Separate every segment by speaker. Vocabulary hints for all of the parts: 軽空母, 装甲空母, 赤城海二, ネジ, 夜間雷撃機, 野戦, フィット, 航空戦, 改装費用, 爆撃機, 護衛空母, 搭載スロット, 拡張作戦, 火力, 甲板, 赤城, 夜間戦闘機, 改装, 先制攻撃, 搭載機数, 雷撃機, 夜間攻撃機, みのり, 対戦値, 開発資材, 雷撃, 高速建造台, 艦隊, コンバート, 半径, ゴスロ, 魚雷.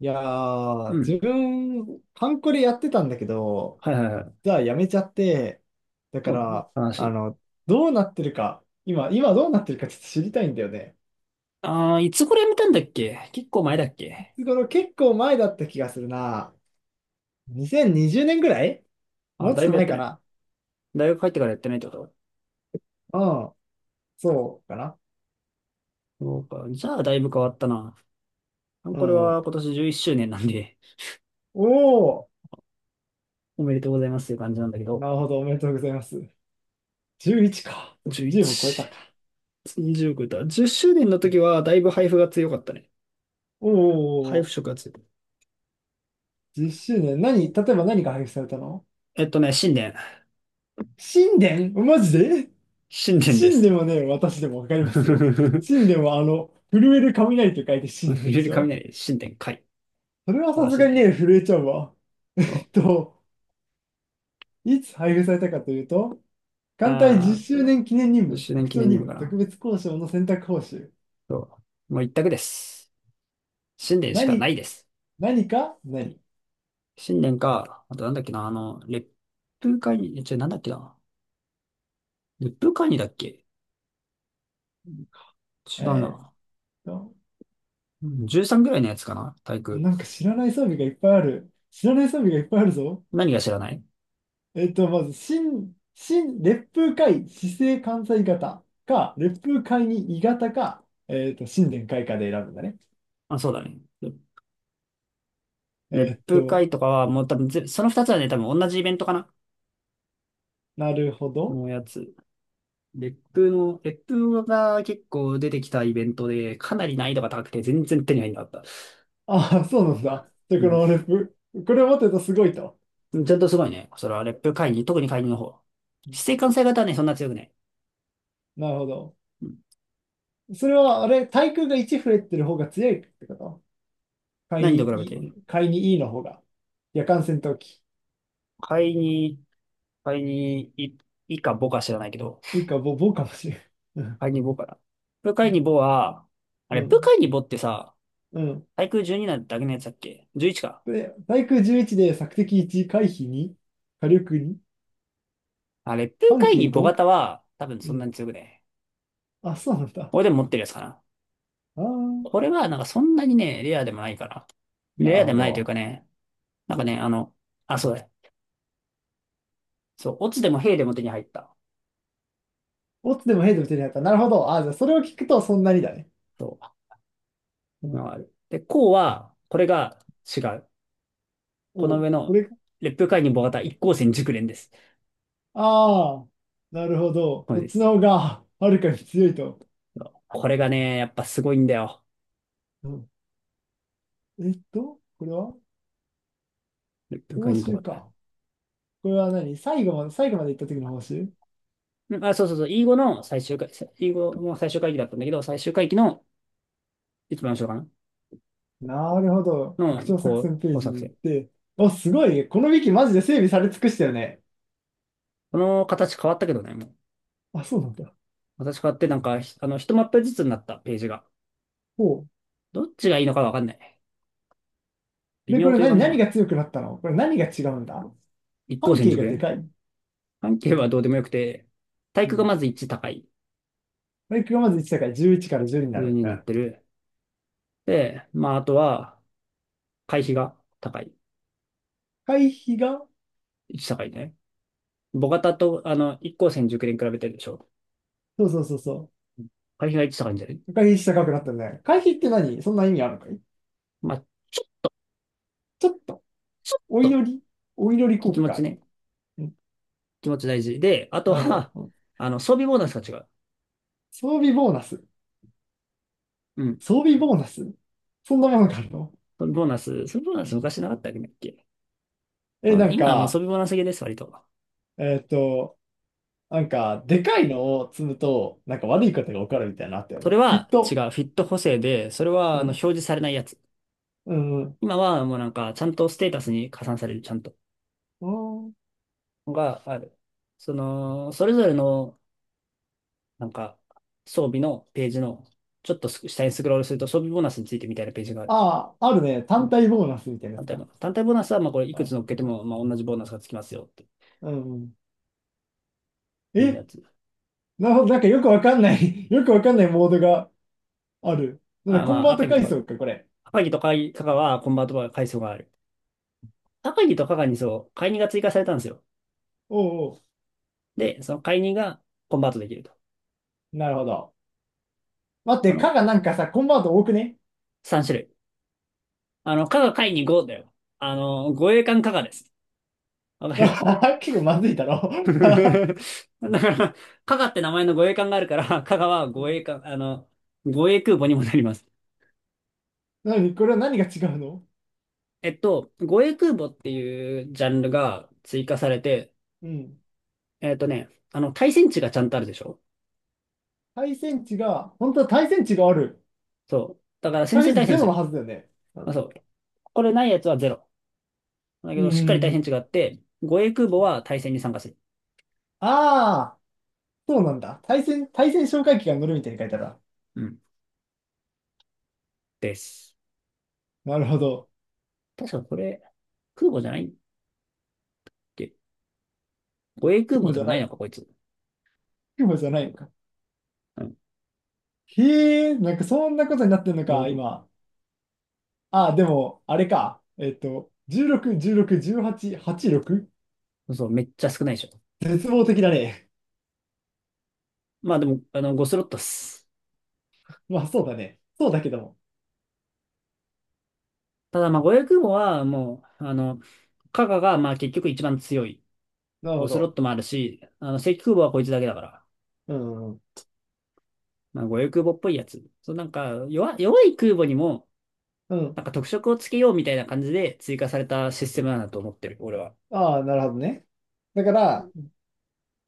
Speaker 1: いや
Speaker 2: う
Speaker 1: ー、
Speaker 2: ん。
Speaker 1: 自分、ハンコでやってたんだけど、
Speaker 2: はいはいはい。
Speaker 1: じゃあやめちゃって、だか
Speaker 2: そうなの
Speaker 1: ら、
Speaker 2: 話。
Speaker 1: どうなってるか、今どうなってるかちょっと知りたいんだよね。
Speaker 2: ああ、いつ頃やめたんだっけ？結構前だっけ？
Speaker 1: いつ頃結構前だった気がするな。2020年ぐらい
Speaker 2: あ
Speaker 1: も
Speaker 2: ー、
Speaker 1: うちょ
Speaker 2: だ
Speaker 1: っ
Speaker 2: い
Speaker 1: と
Speaker 2: ぶやっ
Speaker 1: 前
Speaker 2: て
Speaker 1: か
Speaker 2: ない。
Speaker 1: な。
Speaker 2: 大学入ってからやってないってこ
Speaker 1: うん、そうかな。
Speaker 2: と？そうか。じゃあ、だいぶ変わったな。あ、
Speaker 1: う
Speaker 2: これ
Speaker 1: ん。
Speaker 2: は今年11周年なんで、
Speaker 1: おー、
Speaker 2: おめでとうございますっていう感じなんだけど。
Speaker 1: なるほど、おめでとうございます。11か。10も超え
Speaker 2: 11、
Speaker 1: たか。
Speaker 2: 20超えた。10周年の時は、だいぶ配布が強かったね。
Speaker 1: お
Speaker 2: 配布
Speaker 1: ー、
Speaker 2: 色が強い。
Speaker 1: 10周年。何、例えばが配布されたの
Speaker 2: 新年。
Speaker 1: 神殿マジで
Speaker 2: 新年で
Speaker 1: 神で
Speaker 2: す。
Speaker 1: もね、私でもわか りますよ。神
Speaker 2: ふ
Speaker 1: でもあの、震える雷と書いて神なんで
Speaker 2: れ
Speaker 1: す
Speaker 2: る
Speaker 1: よ。
Speaker 2: 雷、新年会。
Speaker 1: それは
Speaker 2: 素晴
Speaker 1: さ
Speaker 2: ら
Speaker 1: す
Speaker 2: しい
Speaker 1: がにね、
Speaker 2: ね。
Speaker 1: 震えちゃうわ。え
Speaker 2: そ
Speaker 1: っと、いつ配布されたかというと、
Speaker 2: う。
Speaker 1: 艦隊
Speaker 2: あ
Speaker 1: 10
Speaker 2: ーっ
Speaker 1: 周
Speaker 2: と、
Speaker 1: 年記念任
Speaker 2: 10
Speaker 1: 務、
Speaker 2: 周年
Speaker 1: 拡
Speaker 2: 記
Speaker 1: 張
Speaker 2: 念に
Speaker 1: 任
Speaker 2: もか
Speaker 1: 務、特
Speaker 2: な。
Speaker 1: 別交渉の選択報酬。
Speaker 2: そう。もう一択です。新年しかな
Speaker 1: 何、
Speaker 2: いです。
Speaker 1: 何か何
Speaker 2: 新年か、あとなんだっけな、烈風会議、え、違う、なんだっけな。烈風会議だっけ？違う
Speaker 1: えーっ
Speaker 2: な。
Speaker 1: と、
Speaker 2: うん、13ぐらいのやつかな。体育。
Speaker 1: なんか知らない装備がいっぱいある。知らない装備がいっぱいあるぞ。
Speaker 2: 何が知らない？
Speaker 1: まず、烈風会、市政関西型か、烈風会に異型か、新年開花で選ぶんだね。
Speaker 2: あ、そうだね。烈烈
Speaker 1: えっ
Speaker 2: 風
Speaker 1: と、
Speaker 2: 会とかはもう多分その二つはね、多分同じイベントかな
Speaker 1: なるほど。
Speaker 2: のやつ。烈風が結構出てきたイベントで、かなり難易度が高くて全然手に入んなかった。
Speaker 1: ああ、そうなんだ。で、この烈風、これを持ってるとすごいと。
Speaker 2: うん。ちゃんとすごいね。それは烈風会議、特に会議の方。指定関西型はね、そんな強くない。
Speaker 1: なるほど。それは、あれ、対空が1増えてる方が強いってこと会
Speaker 2: 何と
Speaker 1: に
Speaker 2: 比べ
Speaker 1: い
Speaker 2: て？
Speaker 1: い、会にいいの方が。夜間戦闘機。
Speaker 2: 貝に、貝に、い、いかぼか知らないけど、
Speaker 1: いいか、ぼかもしれん。う
Speaker 2: 貝にぼかな。ブカ
Speaker 1: ん、
Speaker 2: イにぼは、あ
Speaker 1: う
Speaker 2: れ、ブ
Speaker 1: ん。
Speaker 2: カイにぼってさ、
Speaker 1: うん。
Speaker 2: 対空12なだけのやつだっけ？ 11 か。
Speaker 1: で、対空11で索敵1、回避に火力に
Speaker 2: あれ、ブ
Speaker 1: 半
Speaker 2: カイに
Speaker 1: 径
Speaker 2: ぼ
Speaker 1: 5？
Speaker 2: 型は、多分
Speaker 1: う
Speaker 2: そんな
Speaker 1: ん。
Speaker 2: に強くね。
Speaker 1: あ、そうなんだ。
Speaker 2: 俺でも持ってるやつかな。
Speaker 1: ああ、
Speaker 2: これは、なんかそんなにね、レアでもないから。
Speaker 1: な
Speaker 2: レ
Speaker 1: る
Speaker 2: アで
Speaker 1: ほ
Speaker 2: もないというか
Speaker 1: ど。
Speaker 2: ね、なんかね、あ、そうだ。そう、オツでもヘイでも手に入った。
Speaker 1: オツでもヘイでも手に入った。なるほど。あ、じゃあそれを聞くとそんなにだね。
Speaker 2: そう。今はある。で、こうは、これが違う。この
Speaker 1: おう、
Speaker 2: 上
Speaker 1: こ
Speaker 2: の、
Speaker 1: れか。
Speaker 2: レップイにボ型一光線熟練です。
Speaker 1: ああ、なるほど。
Speaker 2: そう
Speaker 1: そ
Speaker 2: で
Speaker 1: っち
Speaker 2: す。
Speaker 1: の方がはるかに強いと。
Speaker 2: これがね、やっぱすごいんだよ。
Speaker 1: うん。これは
Speaker 2: 部会
Speaker 1: 報
Speaker 2: にとか
Speaker 1: 酬
Speaker 2: と。
Speaker 1: か。これは何最後まで、最後まで行った時の報酬。
Speaker 2: うん、あ、そうそうそう。英語の最終回、英語も最終会帰だったんだけど、最終回帰の一番後ろか
Speaker 1: なるほど。
Speaker 2: な
Speaker 1: 拡
Speaker 2: の、
Speaker 1: 張作
Speaker 2: こう、
Speaker 1: 戦ペー
Speaker 2: こう
Speaker 1: ジ
Speaker 2: 作
Speaker 1: に行っ
Speaker 2: 戦。
Speaker 1: て。あ、すごい。このウィキマジで整備され尽くしたよね。
Speaker 2: この形変わったけどね、もう。
Speaker 1: あ、そうなんだ。
Speaker 2: 形変わってなんか、ひあの、一マップずつになったページが。
Speaker 1: ほう。
Speaker 2: どっちがいいのかわかんない。微
Speaker 1: で、こ
Speaker 2: 妙
Speaker 1: れ
Speaker 2: という可
Speaker 1: 何、
Speaker 2: 能性もあ
Speaker 1: 何
Speaker 2: る。
Speaker 1: が強くなったのこれ何が違うんだ。
Speaker 2: 一向
Speaker 1: 半
Speaker 2: 戦
Speaker 1: 径
Speaker 2: 熟
Speaker 1: がで
Speaker 2: 練。
Speaker 1: かい。
Speaker 2: 関係
Speaker 1: う
Speaker 2: は
Speaker 1: ん。
Speaker 2: どうでもよくて、体
Speaker 1: う
Speaker 2: 育が
Speaker 1: ん。
Speaker 2: まず1高い。
Speaker 1: バイクがまず1だからじゅういちから1にな
Speaker 2: 上
Speaker 1: る。
Speaker 2: に
Speaker 1: う
Speaker 2: なっ
Speaker 1: ん。
Speaker 2: てる。で、まあ、あとは、会費が高い。
Speaker 1: 回避が、
Speaker 2: 1高いね。母型と、一光線熟練比べてるでしょ。
Speaker 1: そうそうそうそ
Speaker 2: 会費が一高いんじゃない？
Speaker 1: う。回避した高くなったね。回避って何そんな意味あるのかい。
Speaker 2: まあ、ちょ、
Speaker 1: ちょっと、
Speaker 2: ちょっ
Speaker 1: お
Speaker 2: と、
Speaker 1: 祈り、お祈り効
Speaker 2: 気
Speaker 1: 果
Speaker 2: 持ち
Speaker 1: か。
Speaker 2: ね。
Speaker 1: うん、
Speaker 2: 気持ち大事。で、あと
Speaker 1: なるほど、
Speaker 2: は、
Speaker 1: うん。
Speaker 2: 装備ボーナスが違う。
Speaker 1: 装備ボーナス。
Speaker 2: うん。
Speaker 1: 装備ボーナスそんなものがあるの。
Speaker 2: 装備ボーナス昔なかったっけ、
Speaker 1: え、
Speaker 2: まあ、
Speaker 1: なん
Speaker 2: 今はもう装
Speaker 1: か、
Speaker 2: 備ボーナス系です、割と。
Speaker 1: えっと、なんか、でかいのを積むと、なんか悪いことが起こるみたいなのあったよ
Speaker 2: それ
Speaker 1: ね。フィッ
Speaker 2: は違
Speaker 1: ト。
Speaker 2: う。フィット補正で、それは、
Speaker 1: う
Speaker 2: 表
Speaker 1: ん、
Speaker 2: 示されないやつ。
Speaker 1: うん、うん。
Speaker 2: 今はもうなんか、ちゃんとステータスに加算される、ちゃんと。がある。その、それぞれの、なんか、装備のページの、ちょっと下にスクロールすると装備ボーナスについてみたいなページがある。
Speaker 1: ああ、あるね。単体ボーナスみたいなや
Speaker 2: 単
Speaker 1: つ
Speaker 2: 体
Speaker 1: か。
Speaker 2: ボーナス。単体ボーナスは、まあ、これ、いくつ
Speaker 1: あ、
Speaker 2: 乗っけ
Speaker 1: なん
Speaker 2: て
Speaker 1: か、
Speaker 2: も、まあ、同じボーナスがつきますよ、って
Speaker 1: うんうん。
Speaker 2: いう
Speaker 1: え、
Speaker 2: やつ。
Speaker 1: なるほど、なんかよくわかんない よくわかんないモードがある。なんで
Speaker 2: あ、ま
Speaker 1: コン
Speaker 2: あ、
Speaker 1: バート階層か、これ。
Speaker 2: 赤城とか加賀は、コンバートが階層がある。赤城と加賀にそう、買い任が追加されたんですよ。
Speaker 1: おうお
Speaker 2: で、その買い任がコンバートできると。
Speaker 1: う、なるほど。待っ
Speaker 2: こ
Speaker 1: て、
Speaker 2: の
Speaker 1: かがなんかさ、コンバート多くね。
Speaker 2: 3種類。加賀解任5だよ。護衛艦加賀です。わかる？
Speaker 1: 結構 まずいだろ
Speaker 2: だから、加賀って名前の護衛艦があるから、加賀は護衛艦、護衛空母にもなります。
Speaker 1: なに、これは何が違うの。
Speaker 2: 護衛空母っていうジャンルが追加されて、
Speaker 1: うん。
Speaker 2: 対戦値がちゃんとあるでしょ？
Speaker 1: 対戦値が、本当は対戦値がある。
Speaker 2: そう。だから先
Speaker 1: 対
Speaker 2: 制
Speaker 1: 戦
Speaker 2: 対
Speaker 1: 値ゼ
Speaker 2: 戦す
Speaker 1: ロの
Speaker 2: る。
Speaker 1: はずだよね。
Speaker 2: ま
Speaker 1: う
Speaker 2: あ、そう。これないやつはゼロ。だ
Speaker 1: ん。
Speaker 2: け
Speaker 1: う
Speaker 2: ど、しっかり対戦
Speaker 1: ん。
Speaker 2: 値があって、護衛空母は対戦に参加する。
Speaker 1: ああ、そうなんだ。対戦、対戦哨戒機が乗るみたいに書いてあるな。
Speaker 2: うん。です。
Speaker 1: なるほど。
Speaker 2: 確かこれ、空母じゃないっけ？護衛空母
Speaker 1: 雲
Speaker 2: で
Speaker 1: じゃ
Speaker 2: もな
Speaker 1: な
Speaker 2: いの
Speaker 1: い。
Speaker 2: か、こいつ。
Speaker 1: 雲じゃないのか。
Speaker 2: うん。
Speaker 1: へえ、なんかそんなことになってんの
Speaker 2: 護衛
Speaker 1: か、
Speaker 2: 空
Speaker 1: 今。あ、でも、あれか。16、16、18、86？
Speaker 2: 母。そう、めっちゃ少ないでしょ。
Speaker 1: 絶望的だね。
Speaker 2: まあでも、5スロットっす。
Speaker 1: まあ、そうだね。そうだけども。
Speaker 2: ただ、まあ、護衛空母はもう、カガが、まあ結局一番強い。
Speaker 1: なるほ
Speaker 2: 5スロッ
Speaker 1: ど。
Speaker 2: トもあるし、正規空母はこいつだけだから。
Speaker 1: うん。
Speaker 2: まあ、護衛空母っぽいやつ。そう、なんか、弱い空母にも、
Speaker 1: うん。
Speaker 2: なんか特色をつけようみたいな感じで追加されたシステムなんだと思ってる、俺は。
Speaker 1: ああ、なるほどね。だから、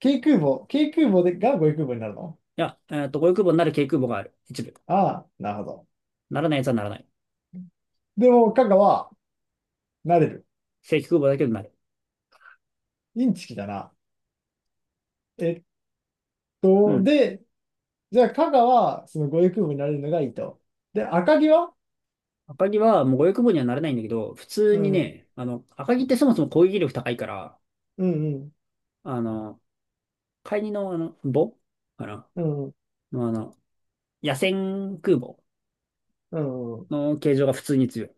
Speaker 1: 軽空母でが護衛空母になるの。
Speaker 2: いや、ゴイ空母になる軽空母がある。一部。
Speaker 1: ああ、なるほど。
Speaker 2: ならないやつはならない。
Speaker 1: でも、加賀は、なれる。
Speaker 2: 正規空母だけどなる。
Speaker 1: インチキだな。えっ
Speaker 2: う
Speaker 1: と、
Speaker 2: ん。
Speaker 1: で、じゃあ、加賀は、その護衛空母になれるのがいいと。で、赤城は、
Speaker 2: 赤城はもう護衛空母にはなれないんだけど、普通
Speaker 1: う
Speaker 2: に
Speaker 1: ん、
Speaker 2: ね、赤城ってそもそも攻撃力高いから、
Speaker 1: うん、
Speaker 2: あの、海二の母かな
Speaker 1: うん、
Speaker 2: の野戦空母
Speaker 1: うん、うん。
Speaker 2: の形状が普通に強い。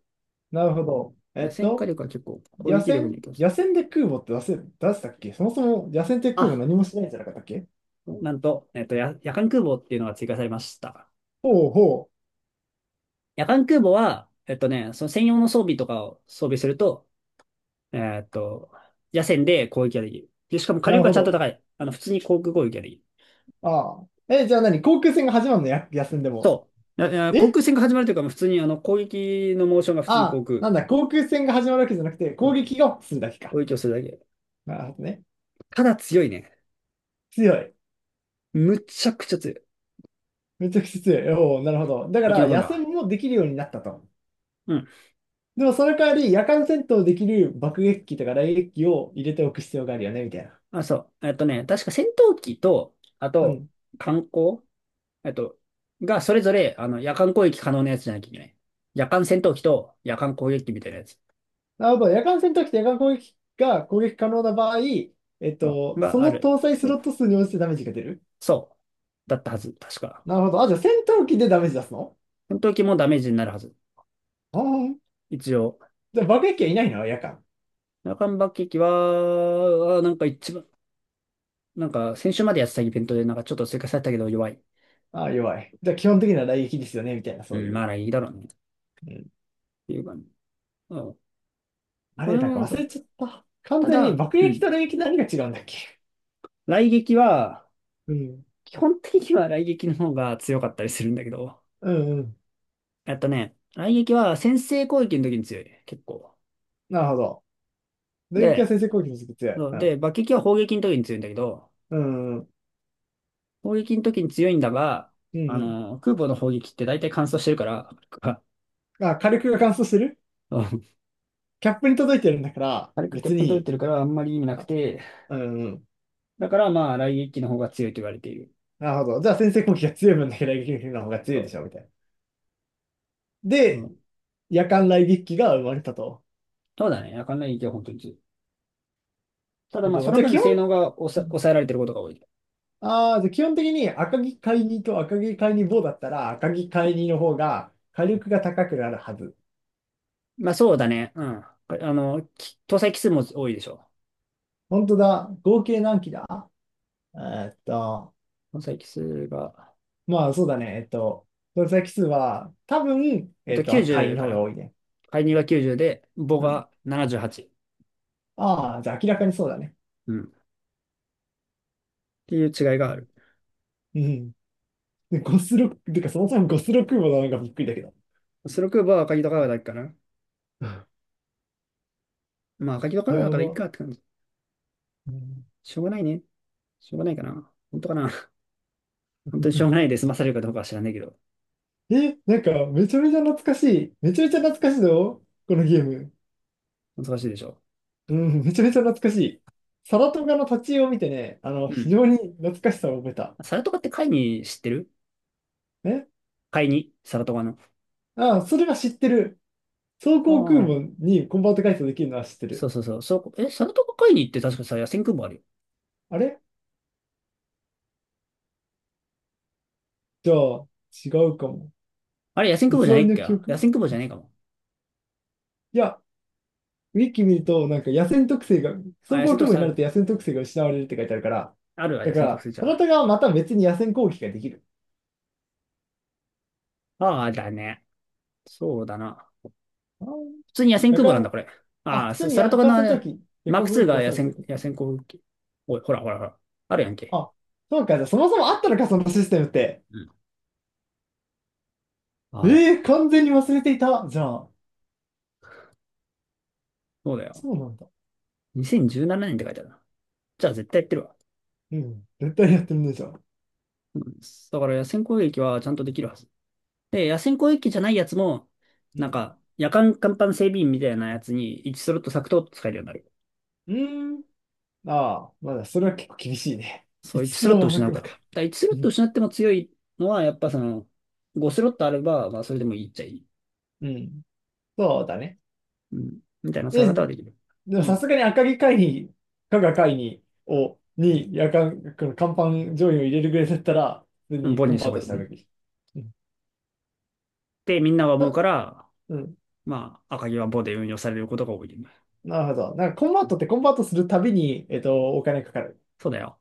Speaker 1: なるほど。
Speaker 2: 野戦火力は結構攻
Speaker 1: 野
Speaker 2: 撃力に
Speaker 1: 戦
Speaker 2: 影響す
Speaker 1: 野
Speaker 2: る。
Speaker 1: 戦で空母って出せ、出したっけそもそも野戦って空
Speaker 2: あ、
Speaker 1: 母何もしないんじゃなかったっけ。
Speaker 2: なんと、夜間空母っていうのが追加されました。
Speaker 1: ほうほ
Speaker 2: 夜間空母は、その専用の装備とかを装備すると、えっと、夜戦で攻撃ができる。で、しかも
Speaker 1: う。
Speaker 2: 火
Speaker 1: な
Speaker 2: 力
Speaker 1: る
Speaker 2: が
Speaker 1: ほ
Speaker 2: ちゃんと
Speaker 1: ど。
Speaker 2: 高い。普通に航空攻撃ができる。
Speaker 1: ああ。え、じゃあ何航空戦が始まるのや、野戦でも。
Speaker 2: そう。ああ、航
Speaker 1: え、
Speaker 2: 空戦が始まるというか、もう普通に攻撃のモーションが普
Speaker 1: あ
Speaker 2: 通に
Speaker 1: あ、
Speaker 2: 航空
Speaker 1: なんだ、航空戦が始まるわけじゃなくて、攻
Speaker 2: の
Speaker 1: 撃がするだけ
Speaker 2: 攻
Speaker 1: か。
Speaker 2: 撃をするだけ。
Speaker 1: なるほどね。
Speaker 2: ただ強いね。
Speaker 1: 強い。
Speaker 2: むちゃくちゃ強い。
Speaker 1: めちゃくちゃ強い。おお、なるほど。だか
Speaker 2: 生き
Speaker 1: ら、
Speaker 2: 残れ
Speaker 1: 野戦
Speaker 2: ば。
Speaker 1: もできるようになったと。
Speaker 2: うん。
Speaker 1: でも、その代わり、夜間戦闘できる爆撃機とか雷撃機を入れておく必要があるよね、みたいな。
Speaker 2: あ、そう。確か戦闘機と、あ
Speaker 1: う
Speaker 2: と、
Speaker 1: ん。
Speaker 2: 艦砲、えっと、がそれぞれ、夜間攻撃可能なやつじゃなきゃいけない。夜間戦闘機と夜間攻撃機みたいなやつ。
Speaker 1: なるほど。夜間戦闘機と夜間攻撃が攻撃可能な場合、
Speaker 2: あ
Speaker 1: そ
Speaker 2: があ
Speaker 1: の
Speaker 2: る。
Speaker 1: 搭載スロット数に応じてダメージが出る。
Speaker 2: そう。だったはず。確か。
Speaker 1: なるほど。あ、じゃあ戦闘機でダメージ出すの。
Speaker 2: 戦闘機もダメージになるはず。
Speaker 1: ああー、
Speaker 2: 一応。
Speaker 1: じゃあ爆撃機はいないの夜間。
Speaker 2: 中間爆撃は、あ、なんか一番、なんか先週までやってたイベントでなんかちょっと追加されたけど弱い。
Speaker 1: ああ、弱い。じゃあ基本的な雷撃ですよねみたいな、
Speaker 2: う
Speaker 1: そう
Speaker 2: ん、
Speaker 1: い
Speaker 2: ま
Speaker 1: う。
Speaker 2: あいいだろうね。っ
Speaker 1: うん。
Speaker 2: ていう感じ。うん。
Speaker 1: あ
Speaker 2: こ
Speaker 1: れ、
Speaker 2: れ
Speaker 1: なんか
Speaker 2: はそ
Speaker 1: 忘れ
Speaker 2: う。
Speaker 1: ちゃった。完
Speaker 2: た
Speaker 1: 全に
Speaker 2: だ、
Speaker 1: 爆
Speaker 2: う
Speaker 1: 撃
Speaker 2: ん。
Speaker 1: と雷撃何が違うんだっけ。
Speaker 2: 雷撃は、
Speaker 1: うん。
Speaker 2: 基本的には雷撃の方が強かったりするんだけど、
Speaker 1: うんうん。
Speaker 2: 雷撃は先制攻撃の時に強い。結構。
Speaker 1: なるほど。雷撃は
Speaker 2: で、
Speaker 1: 先制攻撃につく強い。
Speaker 2: そ
Speaker 1: う
Speaker 2: う
Speaker 1: ん。
Speaker 2: で、爆撃は砲撃の時に強いんだけど、
Speaker 1: うんうん。
Speaker 2: 砲撃の時に強いんだが、
Speaker 1: うんう
Speaker 2: 空母の砲撃って大体乾燥してるから、
Speaker 1: ん。あ、火力が乾燥してる
Speaker 2: うん、
Speaker 1: キャップに届いてるんだから、
Speaker 2: 軽く
Speaker 1: 別
Speaker 2: 欠粉取れ
Speaker 1: に。
Speaker 2: てるからあんまり意味なく
Speaker 1: あ、
Speaker 2: て、
Speaker 1: うんうん。
Speaker 2: だからまあ、雷撃機の方が強いと言われている。
Speaker 1: なるほど。じゃあ先制攻撃が強い分だけ雷撃の方が強
Speaker 2: そ
Speaker 1: いで
Speaker 2: う、
Speaker 1: しょ、みたいな。
Speaker 2: う
Speaker 1: で、
Speaker 2: ん。
Speaker 1: 夜間雷撃機が生まれたと。
Speaker 2: そうだね。あかんない撃は本当に強い。ただ
Speaker 1: な
Speaker 2: まあ、
Speaker 1: るほ
Speaker 2: そ
Speaker 1: ど。
Speaker 2: の
Speaker 1: じゃあ
Speaker 2: 分
Speaker 1: 基本、
Speaker 2: 性能が抑えられてることが多い。
Speaker 1: ああ、じゃあ基本的に赤城海二と赤城海二棒だったら赤城海二の方が火力が高くなるはず。
Speaker 2: まあ、そうだね。うん。搭載機数も多いでしょ。
Speaker 1: 本当だ。合計何機だ。えーっと、
Speaker 2: 搭載機数が、
Speaker 1: まあそうだね。搭載機数は多分、赤海
Speaker 2: 90
Speaker 1: の
Speaker 2: か
Speaker 1: 方が
Speaker 2: な。
Speaker 1: 多いね。
Speaker 2: 介入が90で、母
Speaker 1: うん。
Speaker 2: が78。
Speaker 1: ああ、じゃあ明らかにそうだね。
Speaker 2: うん。っていう違いが
Speaker 1: う
Speaker 2: ある。
Speaker 1: ん。うん。でゴスロ、てかそもそもゴスロ空母なのがびっくりだけど。
Speaker 2: スロークーバーは赤木と川だけかな。まあ、赤木と川
Speaker 1: や
Speaker 2: だからいい
Speaker 1: ば。
Speaker 2: かって感じ。
Speaker 1: うん
Speaker 2: しょうがないね。しょうがないかな。本当かな。本当にしょうがない で済まされるかどうかは知らないけど。
Speaker 1: え、なんか、めちゃめちゃ懐かしい。めちゃめちゃ懐かしいぞ、このゲーム。
Speaker 2: 難しいでしょ。
Speaker 1: うん、めちゃめちゃ懐かしい。サラトガの立ち絵を見てね、あの、
Speaker 2: う
Speaker 1: 非
Speaker 2: ん。
Speaker 1: 常に懐かしさを覚えた。
Speaker 2: サラトカって会に知ってる？
Speaker 1: え、
Speaker 2: 会にサラトカの。
Speaker 1: ああ、それは知ってる。装
Speaker 2: あ
Speaker 1: 甲空
Speaker 2: あ。
Speaker 1: 母にコンバート改装できるのは知って
Speaker 2: そ
Speaker 1: る。
Speaker 2: うそうそう。そう、え、サラトカ会にって確かさ、野戦空母あるよ。
Speaker 1: あれじゃあ、違うかも。
Speaker 2: あれ、野戦
Speaker 1: 偽
Speaker 2: 空母じゃない
Speaker 1: り
Speaker 2: っ
Speaker 1: の
Speaker 2: け？
Speaker 1: 記
Speaker 2: 野
Speaker 1: 憶
Speaker 2: 戦空母じ
Speaker 1: い
Speaker 2: ゃない
Speaker 1: つ
Speaker 2: かも。
Speaker 1: いや、ウィキ見ると、なんか野戦特性が、装
Speaker 2: あ、野
Speaker 1: 甲
Speaker 2: 戦
Speaker 1: 空
Speaker 2: 特
Speaker 1: 母
Speaker 2: 性
Speaker 1: に
Speaker 2: あ
Speaker 1: なると
Speaker 2: る。
Speaker 1: 野戦特性が失われるって書いてあるから、
Speaker 2: あるわ、
Speaker 1: だ
Speaker 2: 野
Speaker 1: か
Speaker 2: 戦特
Speaker 1: ら、
Speaker 2: 性じ
Speaker 1: サ
Speaker 2: ゃ
Speaker 1: ラト
Speaker 2: あ。
Speaker 1: ガはまた別に野戦攻撃ができる。
Speaker 2: ああ、だね。そうだな。
Speaker 1: ああ、
Speaker 2: 普通に野戦
Speaker 1: だ
Speaker 2: 空
Speaker 1: か
Speaker 2: 母なんだ、
Speaker 1: ら、
Speaker 2: これ。
Speaker 1: あ、
Speaker 2: ああ、
Speaker 1: 普通
Speaker 2: サ
Speaker 1: に
Speaker 2: サラト
Speaker 1: 夜
Speaker 2: カ
Speaker 1: 間
Speaker 2: のあ
Speaker 1: 戦闘
Speaker 2: れ、
Speaker 1: 機、夜
Speaker 2: マー
Speaker 1: 間
Speaker 2: ク
Speaker 1: 攻
Speaker 2: 2
Speaker 1: 撃機
Speaker 2: が
Speaker 1: が
Speaker 2: 野
Speaker 1: そうで
Speaker 2: 戦、
Speaker 1: す
Speaker 2: 野
Speaker 1: よ。
Speaker 2: 戦航空機。おい、ほらほらほら。あるやんけ。
Speaker 1: あ、そうか、じゃあそもそもあったのか、そのシステムって。
Speaker 2: うん。
Speaker 1: え
Speaker 2: はい。
Speaker 1: ー、完全に忘れていた。じゃあ、
Speaker 2: そうだよ。
Speaker 1: そうなんだ。
Speaker 2: 2017年って書いてあるな。じゃあ絶対やってるわ。
Speaker 1: うん、絶対やってるね、じゃあ。
Speaker 2: うん、だから野戦攻撃はちゃんとできるはず。で、野戦攻撃じゃないやつも、
Speaker 1: う
Speaker 2: なん
Speaker 1: ん。
Speaker 2: か、夜間甲板整備員みたいなやつに1スロット削と使えるようになる。
Speaker 1: うーん。ああ、まだ、それは結構厳しいね。
Speaker 2: そ
Speaker 1: い
Speaker 2: う、
Speaker 1: つすら
Speaker 2: 1
Speaker 1: も
Speaker 2: ス
Speaker 1: な
Speaker 2: ロット失
Speaker 1: く
Speaker 2: うか
Speaker 1: の
Speaker 2: ら。だか
Speaker 1: か。
Speaker 2: ら
Speaker 1: う
Speaker 2: 1
Speaker 1: ん。
Speaker 2: スロット失っても強いのは、やっぱその、5スロットあれば、まあそれでもいいっちゃいい。
Speaker 1: うん。そうだね。
Speaker 2: うん。みたいな使い
Speaker 1: で、
Speaker 2: 方はできる。
Speaker 1: でも
Speaker 2: う
Speaker 1: さ
Speaker 2: ん。
Speaker 1: すがに赤城会議、加賀会議に、夜間、この甲板上位を入れるぐらいだったら、普通
Speaker 2: うん、
Speaker 1: に
Speaker 2: ボン
Speaker 1: コン
Speaker 2: にし
Speaker 1: バ
Speaker 2: た
Speaker 1: ー
Speaker 2: 方
Speaker 1: ト
Speaker 2: がいい
Speaker 1: し
Speaker 2: よ
Speaker 1: た
Speaker 2: ね。
Speaker 1: べき。うん。
Speaker 2: で、みんなが思う
Speaker 1: た、
Speaker 2: から、
Speaker 1: うん。
Speaker 2: まあ、赤城はボで運用されることが多いよね。
Speaker 1: なるほど。なんかコンバートってコンバートするたびに、お金かかる。
Speaker 2: そうだよ。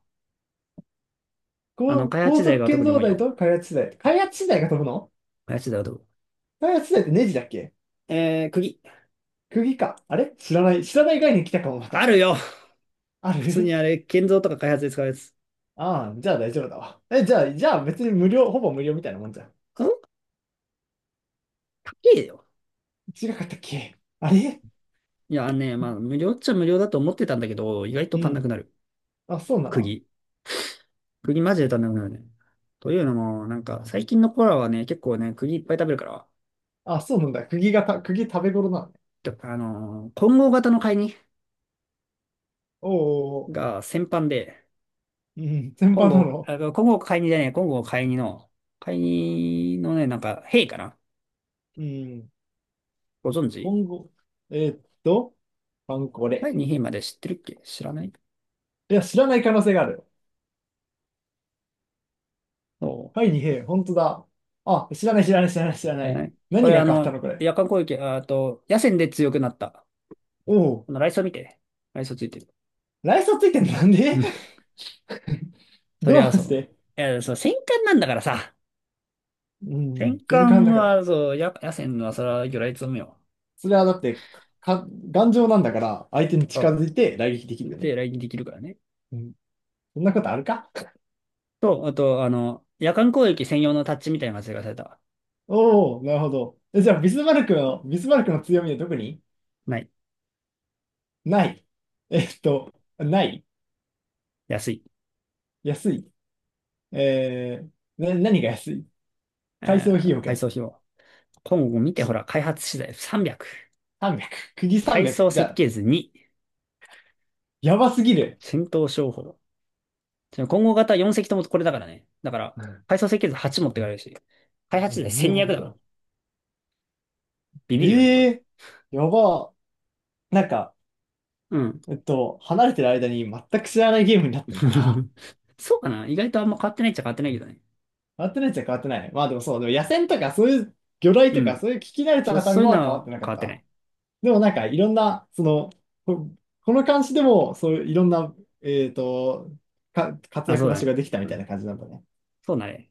Speaker 2: 開
Speaker 1: 高
Speaker 2: 発時代
Speaker 1: 速
Speaker 2: が特
Speaker 1: 建
Speaker 2: に
Speaker 1: 造
Speaker 2: 重い
Speaker 1: 台
Speaker 2: よ。
Speaker 1: と開発資材。開発資材が飛ぶの。
Speaker 2: 開発時代はどう？
Speaker 1: 開発資材ってネジだっけ。
Speaker 2: 釘。
Speaker 1: 釘か。あれ知らない。知らない概念来たかも、ま
Speaker 2: あ
Speaker 1: た。
Speaker 2: るよ。
Speaker 1: あ
Speaker 2: 普通に
Speaker 1: る
Speaker 2: あれ、建造とか開発で使うやつ。ん。
Speaker 1: ああ、じゃあ大丈夫だわ。え、じゃあ、別に無料、ほぼ無料みたいなもんじゃん。
Speaker 2: 高えよ。
Speaker 1: 違かったっけあれ
Speaker 2: いや、あのね、まあ、無料っちゃ無料だと思ってたんだけど、意外と
Speaker 1: う
Speaker 2: 足んなく
Speaker 1: ん。
Speaker 2: なる。
Speaker 1: あ、そうなの。
Speaker 2: 釘。釘マジで足んなくなるね。というのも、なんか、最近の子らはね、結構ね、釘いっぱい食べるから、
Speaker 1: あ、そうなんだ。釘がた、釘食べ頃なのね。
Speaker 2: て混合型の買いに
Speaker 1: おうおうおう、
Speaker 2: が先般で、
Speaker 1: うん、全
Speaker 2: 混
Speaker 1: 般な
Speaker 2: 合、
Speaker 1: の。
Speaker 2: あ、混合買いにじゃねえ、混合買いにの、買いにのね、なんか、兵かな？
Speaker 1: うん。
Speaker 2: ご存知？
Speaker 1: 今後、えーっと、パンコ
Speaker 2: 第
Speaker 1: レ。
Speaker 2: に兵まで知ってるっけ？知らない？
Speaker 1: いや、知らない可能性がある。
Speaker 2: そ
Speaker 1: は
Speaker 2: う。
Speaker 1: い、二平、本当だ。あ、知らない、知らない、知らない、知ら
Speaker 2: 知
Speaker 1: な
Speaker 2: らな
Speaker 1: い。
Speaker 2: い？こ
Speaker 1: 何
Speaker 2: れ、
Speaker 1: が変わったの、これ。
Speaker 2: 夜間攻撃、ああと、野戦で強くなった。
Speaker 1: おお、
Speaker 2: このライソ見てね。ライソついてる。
Speaker 1: ライーついてんのなんで
Speaker 2: うん。そり
Speaker 1: ど
Speaker 2: ゃ
Speaker 1: う
Speaker 2: そ
Speaker 1: して。
Speaker 2: う。いや、そう、戦艦なんだからさ。
Speaker 1: うん、
Speaker 2: 戦
Speaker 1: 全巻
Speaker 2: 艦
Speaker 1: だから。
Speaker 2: は、そう、野戦は、それは魚雷積むよ。
Speaker 1: それはだって、か頑丈なんだから、相手に近
Speaker 2: そ
Speaker 1: づいて来撃でき
Speaker 2: う。
Speaker 1: るよ
Speaker 2: で、
Speaker 1: ね。
Speaker 2: 雷撃できるからね。
Speaker 1: うん。そんなことあるか。
Speaker 2: と、あと、夜間攻撃専用のタッチみたいなのがされたわ。
Speaker 1: おお、なるほど。え、じゃあ、ビスマルクの強みはどこに。
Speaker 2: ない。
Speaker 1: ない。えっと、ない。
Speaker 2: 安い。
Speaker 1: 安い。えー、何が安い改
Speaker 2: え
Speaker 1: 装費用が
Speaker 2: 配
Speaker 1: 安
Speaker 2: 送
Speaker 1: い。
Speaker 2: 費用。今後見て、ほら、開発資材300。
Speaker 1: 300。釘
Speaker 2: 階
Speaker 1: 300。
Speaker 2: 装
Speaker 1: じゃ
Speaker 2: 設
Speaker 1: あ、
Speaker 2: 計図2。
Speaker 1: やばすぎる。
Speaker 2: 戦闘商法。今後型4隻ともこれだからね。だから、
Speaker 1: うん。
Speaker 2: 階装設計図8持ってかれるし。開発資材
Speaker 1: なる
Speaker 2: 1200
Speaker 1: ほ
Speaker 2: だから。
Speaker 1: ど。
Speaker 2: ビビ
Speaker 1: え
Speaker 2: るよね、これ。
Speaker 1: えー、やば。なんか、
Speaker 2: うん。
Speaker 1: 離れてる間に全く知らないゲームになったんだな。
Speaker 2: そうかな、意外とあんま変わってないっちゃ変わってないけどね。
Speaker 1: 変わってないっちゃ変わってない。まあでもそう、でも野戦とかそういう魚雷
Speaker 2: う
Speaker 1: とか
Speaker 2: ん。
Speaker 1: そういう聞き慣れた
Speaker 2: そ
Speaker 1: 単
Speaker 2: うい
Speaker 1: 語
Speaker 2: う
Speaker 1: は変わ
Speaker 2: の
Speaker 1: って
Speaker 2: は
Speaker 1: なか
Speaker 2: 変
Speaker 1: っ
Speaker 2: わってな
Speaker 1: た。
Speaker 2: い。
Speaker 1: でもなんかいろんな、その、こ、この監視でもそういういろんな、えっと、活
Speaker 2: あ、
Speaker 1: 躍
Speaker 2: そう
Speaker 1: 場
Speaker 2: だ
Speaker 1: 所が
Speaker 2: ね。
Speaker 1: できたみ
Speaker 2: う
Speaker 1: たいな
Speaker 2: ん。
Speaker 1: 感じなんだね。
Speaker 2: そうだね。